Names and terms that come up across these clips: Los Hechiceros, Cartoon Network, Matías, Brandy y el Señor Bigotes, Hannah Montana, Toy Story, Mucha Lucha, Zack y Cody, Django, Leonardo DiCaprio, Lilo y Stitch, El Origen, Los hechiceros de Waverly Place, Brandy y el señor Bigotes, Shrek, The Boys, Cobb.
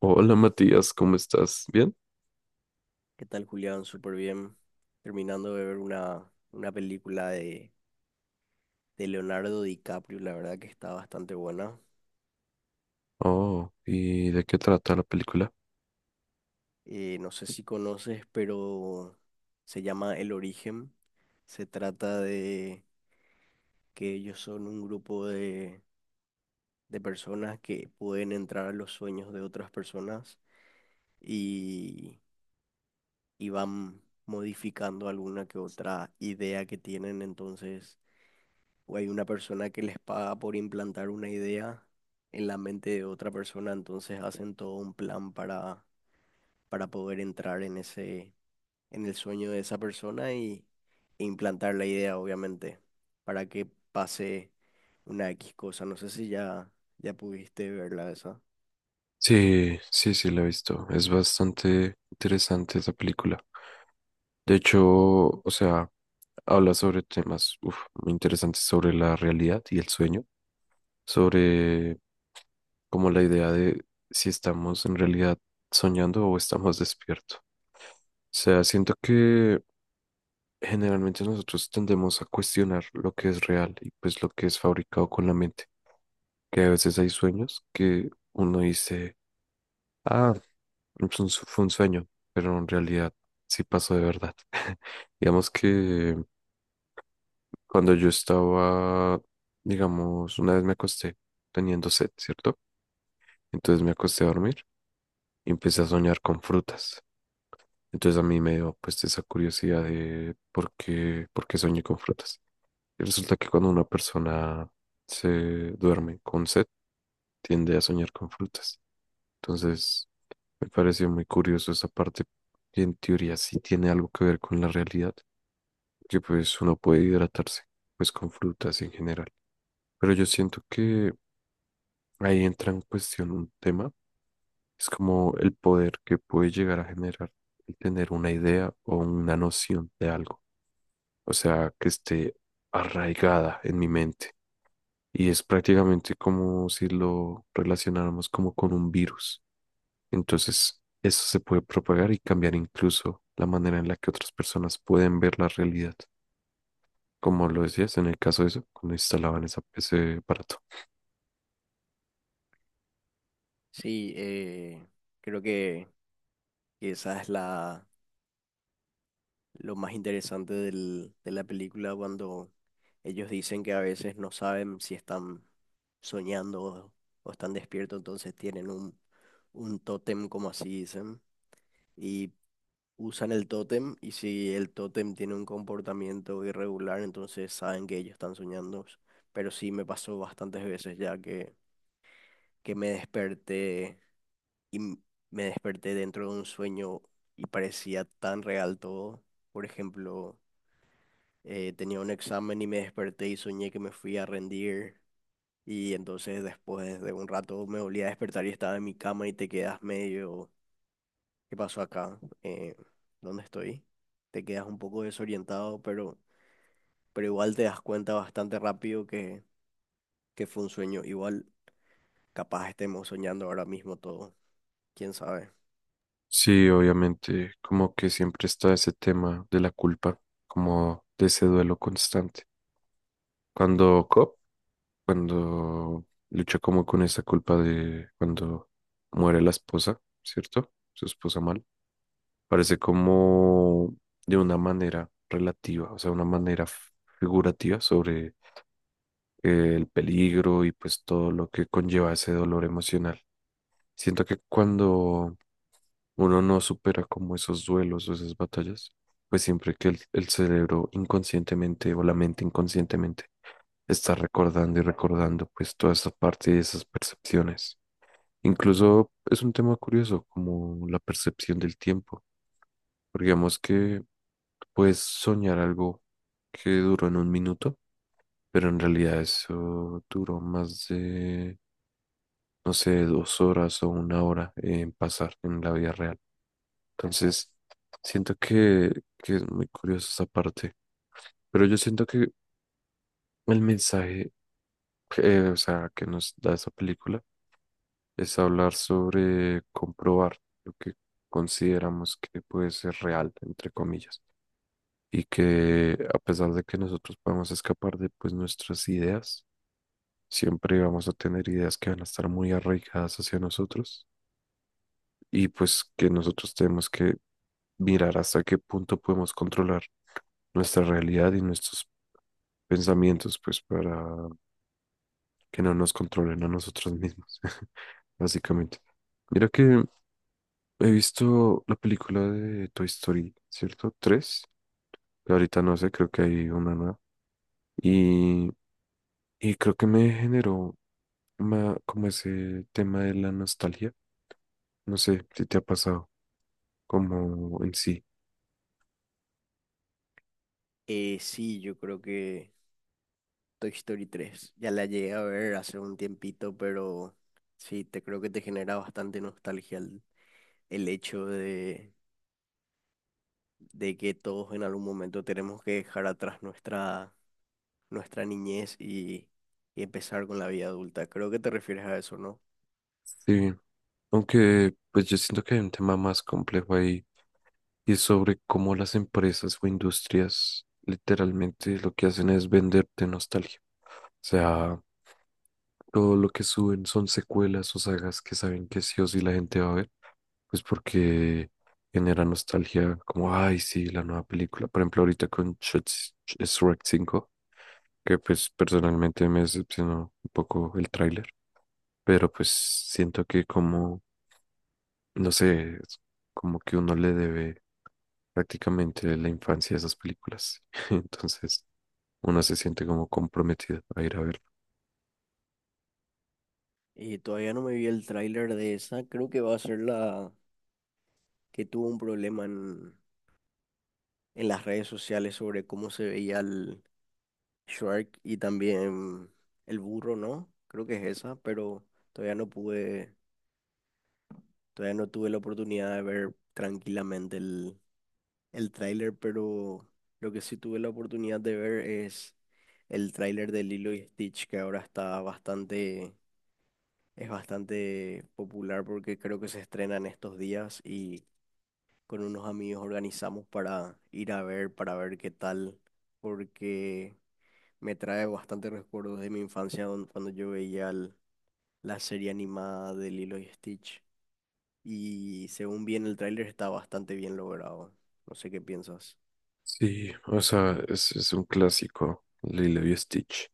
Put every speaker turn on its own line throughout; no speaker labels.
Hola Matías, ¿cómo estás? ¿Bien?
¿Qué tal, Julián? Súper bien. Terminando de ver una película de Leonardo DiCaprio, la verdad que está bastante buena.
Oh, ¿y de qué trata la película?
No sé si conoces, pero se llama El Origen. Se trata de que ellos son un grupo de personas que pueden entrar a los sueños de otras personas y, y van modificando alguna que otra idea que tienen. Entonces o hay una persona que les paga por implantar una idea en la mente de otra persona, entonces hacen todo un plan para poder entrar en en el sueño de esa persona y e implantar la idea, obviamente, para que pase una X cosa. No sé si ya pudiste verla esa.
Sí, sí, sí, la he visto. Es bastante interesante esa película. De hecho, o sea, habla sobre temas uf, muy interesantes sobre la realidad y el sueño, sobre como la idea de si estamos en realidad soñando o estamos despiertos. O sea, siento que generalmente nosotros tendemos a cuestionar lo que es real y pues lo que es fabricado con la mente, que a veces hay sueños que uno dice, ah, fue un sueño, pero en realidad sí pasó de verdad. Digamos que cuando yo estaba, digamos, una vez me acosté teniendo sed, ¿cierto? Entonces me acosté a dormir y empecé a soñar con frutas. Entonces a mí me dio pues esa curiosidad de por qué soñé con frutas. Y resulta que cuando una persona se duerme con sed, tiende a soñar con frutas. Entonces, me pareció muy curioso esa parte, que en teoría sí tiene algo que ver con la realidad, que pues uno puede hidratarse pues con frutas en general. Pero yo siento que ahí entra en cuestión un tema, es como el poder que puede llegar a generar el tener una idea o una noción de algo, o sea, que esté arraigada en mi mente. Y es prácticamente como si lo relacionáramos como con un virus. Entonces, eso se puede propagar y cambiar incluso la manera en la que otras personas pueden ver la realidad, como lo decías en el caso de eso, cuando instalaban ese aparato.
Sí, creo que esa es la lo más interesante de la película cuando ellos dicen que a veces no saben si están soñando o están despiertos, entonces tienen un tótem, como así dicen, y usan el tótem y si el tótem tiene un comportamiento irregular, entonces saben que ellos están soñando. Pero sí me pasó bastantes veces ya que me desperté y me desperté dentro de un sueño y parecía tan real todo. Por ejemplo, tenía un examen y me desperté y soñé que me fui a rendir. Y entonces después de un rato me volví a despertar y estaba en mi cama y te quedas medio, ¿qué pasó acá? ¿Dónde estoy? Te quedas un poco desorientado, pero igual te das cuenta bastante rápido que fue un sueño. Igual capaz estemos soñando ahora mismo todo, quién sabe.
Sí, obviamente, como que siempre está ese tema de la culpa, como de ese duelo constante. Cuando Cobb, cuando lucha como con esa culpa de cuando muere la esposa, ¿cierto? Su esposa mal parece como de una manera relativa, o sea, una manera figurativa sobre el peligro y pues todo lo que conlleva ese dolor emocional. Siento que cuando uno no supera como esos duelos o esas batallas, pues siempre que el cerebro inconscientemente o la mente inconscientemente está recordando y recordando pues toda esa parte y esas percepciones. Incluso es un tema curioso como la percepción del tiempo. Porque digamos que puedes soñar algo que duró en un minuto, pero en realidad eso duró más de, no sé, dos horas o una hora en pasar en la vida real. Entonces, siento que es muy curiosa esa parte. Pero yo siento que el mensaje, o sea, que nos da esa película es hablar sobre comprobar lo que consideramos que puede ser real, entre comillas, y que a pesar de que nosotros podamos escapar de pues nuestras ideas, siempre vamos a tener ideas que van a estar muy arraigadas hacia nosotros y pues que nosotros tenemos que mirar hasta qué punto podemos controlar nuestra realidad y nuestros pensamientos pues para que no nos controlen a nosotros mismos, básicamente. Mira que he visto la película de Toy Story, ¿cierto? Tres, que ahorita no sé, creo que hay una nueva. Y, y creo que me generó como ese tema de la nostalgia. No sé si te ha pasado como en sí.
Sí, yo creo que Toy Story tres ya la llegué a ver hace un tiempito, pero sí, te creo que te genera bastante nostalgia el hecho de que todos en algún momento tenemos que dejar atrás nuestra niñez y empezar con la vida adulta. Creo que te refieres a eso, ¿no?
Sí, aunque pues yo siento que hay un tema más complejo ahí y es sobre cómo las empresas o industrias literalmente lo que hacen es venderte nostalgia. O sea, todo lo que suben son secuelas o sagas que saben que sí o sí la gente va a ver, pues porque genera nostalgia, como, ay, sí, la nueva película. Por ejemplo, ahorita con Shrek 5, que pues personalmente me decepcionó un poco el tráiler, pero pues siento que como, no sé, es como que uno le debe prácticamente la infancia a esas películas. Entonces, uno se siente como comprometido a ir a verlo.
Y todavía no me vi el tráiler de esa. Creo que va a ser la que tuvo un problema en las redes sociales sobre cómo se veía el Shrek y también el burro, ¿no? Creo que es esa, pero todavía no todavía no tuve la oportunidad de ver tranquilamente el tráiler, pero lo que sí tuve la oportunidad de ver es el tráiler de Lilo y Stitch, que ahora está bastante, es bastante popular porque creo que se estrena en estos días y con unos amigos organizamos para ir a ver, para ver qué tal, porque me trae bastantes recuerdos de mi infancia cuando yo veía la serie animada de Lilo y Stitch. Y según bien el tráiler está bastante bien logrado. No sé qué piensas.
Sí, o sea, es un clásico, Lilo y Stitch.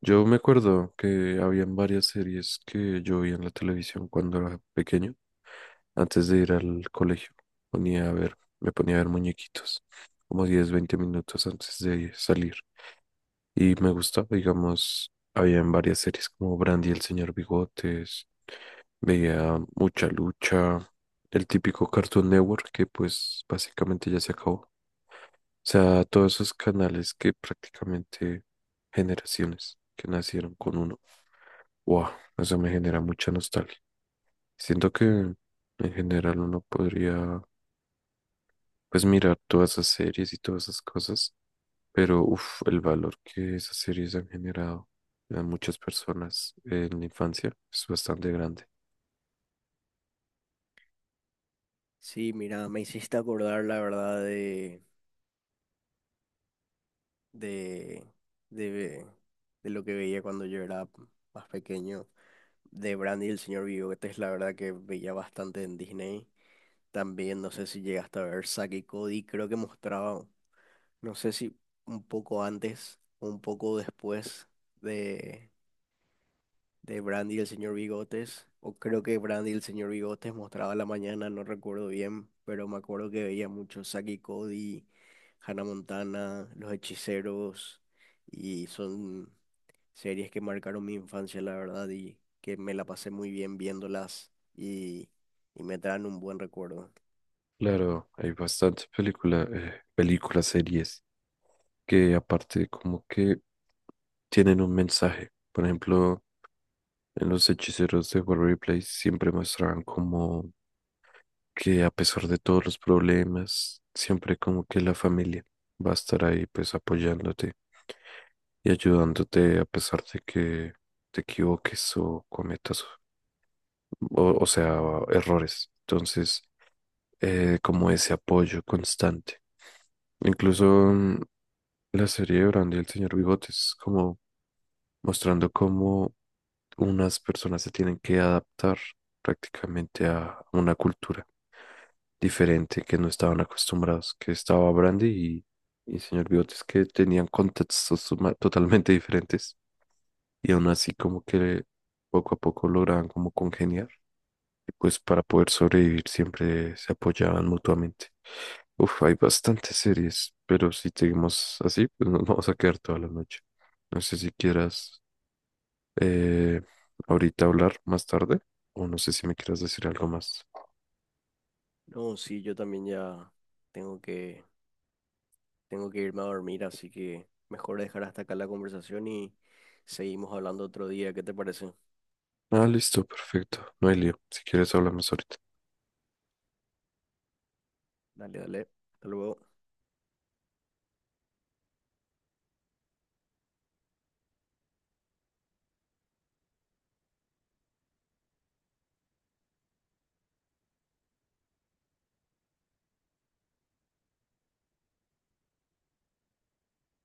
Yo me acuerdo que habían varias series que yo vi en la televisión cuando era pequeño, antes de ir al colegio. Ponía a ver, me ponía a ver muñequitos, como 10, 20 minutos antes de salir. Y me gustaba, digamos, habían varias series como Brandy y el Señor Bigotes, veía Mucha Lucha, el típico Cartoon Network que pues básicamente ya se acabó, o sea, todos esos canales que prácticamente generaciones que nacieron con uno. Wow, eso me genera mucha nostalgia. Siento que en general uno podría, pues, mirar todas esas series y todas esas cosas, pero uff, el valor que esas series han generado a muchas personas en la infancia es bastante grande.
Sí, mira, me hiciste acordar la verdad de, de, ve- de lo que veía cuando yo era más pequeño, de Brandy y el señor Bigotes, la verdad que veía bastante en Disney. También no sé si llegaste a ver Zack y Cody, creo que mostraba, no sé si un poco antes o un poco después de Brandy y el señor Bigotes, o creo que Brandy y el señor Bigotes mostraba a la mañana, no recuerdo bien, pero me acuerdo que veía mucho Saki y Cody, Hannah Montana, Los Hechiceros, y son series que marcaron mi infancia, la verdad, y que me la pasé muy bien viéndolas y me traen un buen recuerdo.
Claro, hay bastantes películas, series que aparte como que tienen un mensaje. Por ejemplo, en los hechiceros de Waverly Place siempre mostraban como que a pesar de todos los problemas, siempre como que la familia va a estar ahí pues apoyándote y ayudándote a pesar de que te equivoques o cometas, o sea, errores. Entonces, como ese apoyo constante. Incluso la serie de Brandy y el señor Bigotes, como mostrando cómo unas personas se tienen que adaptar prácticamente a una cultura diferente que no estaban acostumbrados, que estaba Brandy y señor Bigotes que tenían contextos totalmente diferentes y aún así como que poco a poco lograban como congeniar y pues para poder sobrevivir siempre se apoyaban mutuamente. Uf, hay bastantes series, pero si seguimos así, pues nos vamos a quedar toda la noche. No sé si quieras eh, ahorita hablar más tarde, o no sé si me quieras decir algo más.
No, sí, yo también ya tengo tengo que irme a dormir, así que mejor dejar hasta acá la conversación y seguimos hablando otro día, ¿qué te parece?
Ah, listo, perfecto. No hay lío. Si quieres, hablamos ahorita.
Dale, dale. Hasta luego.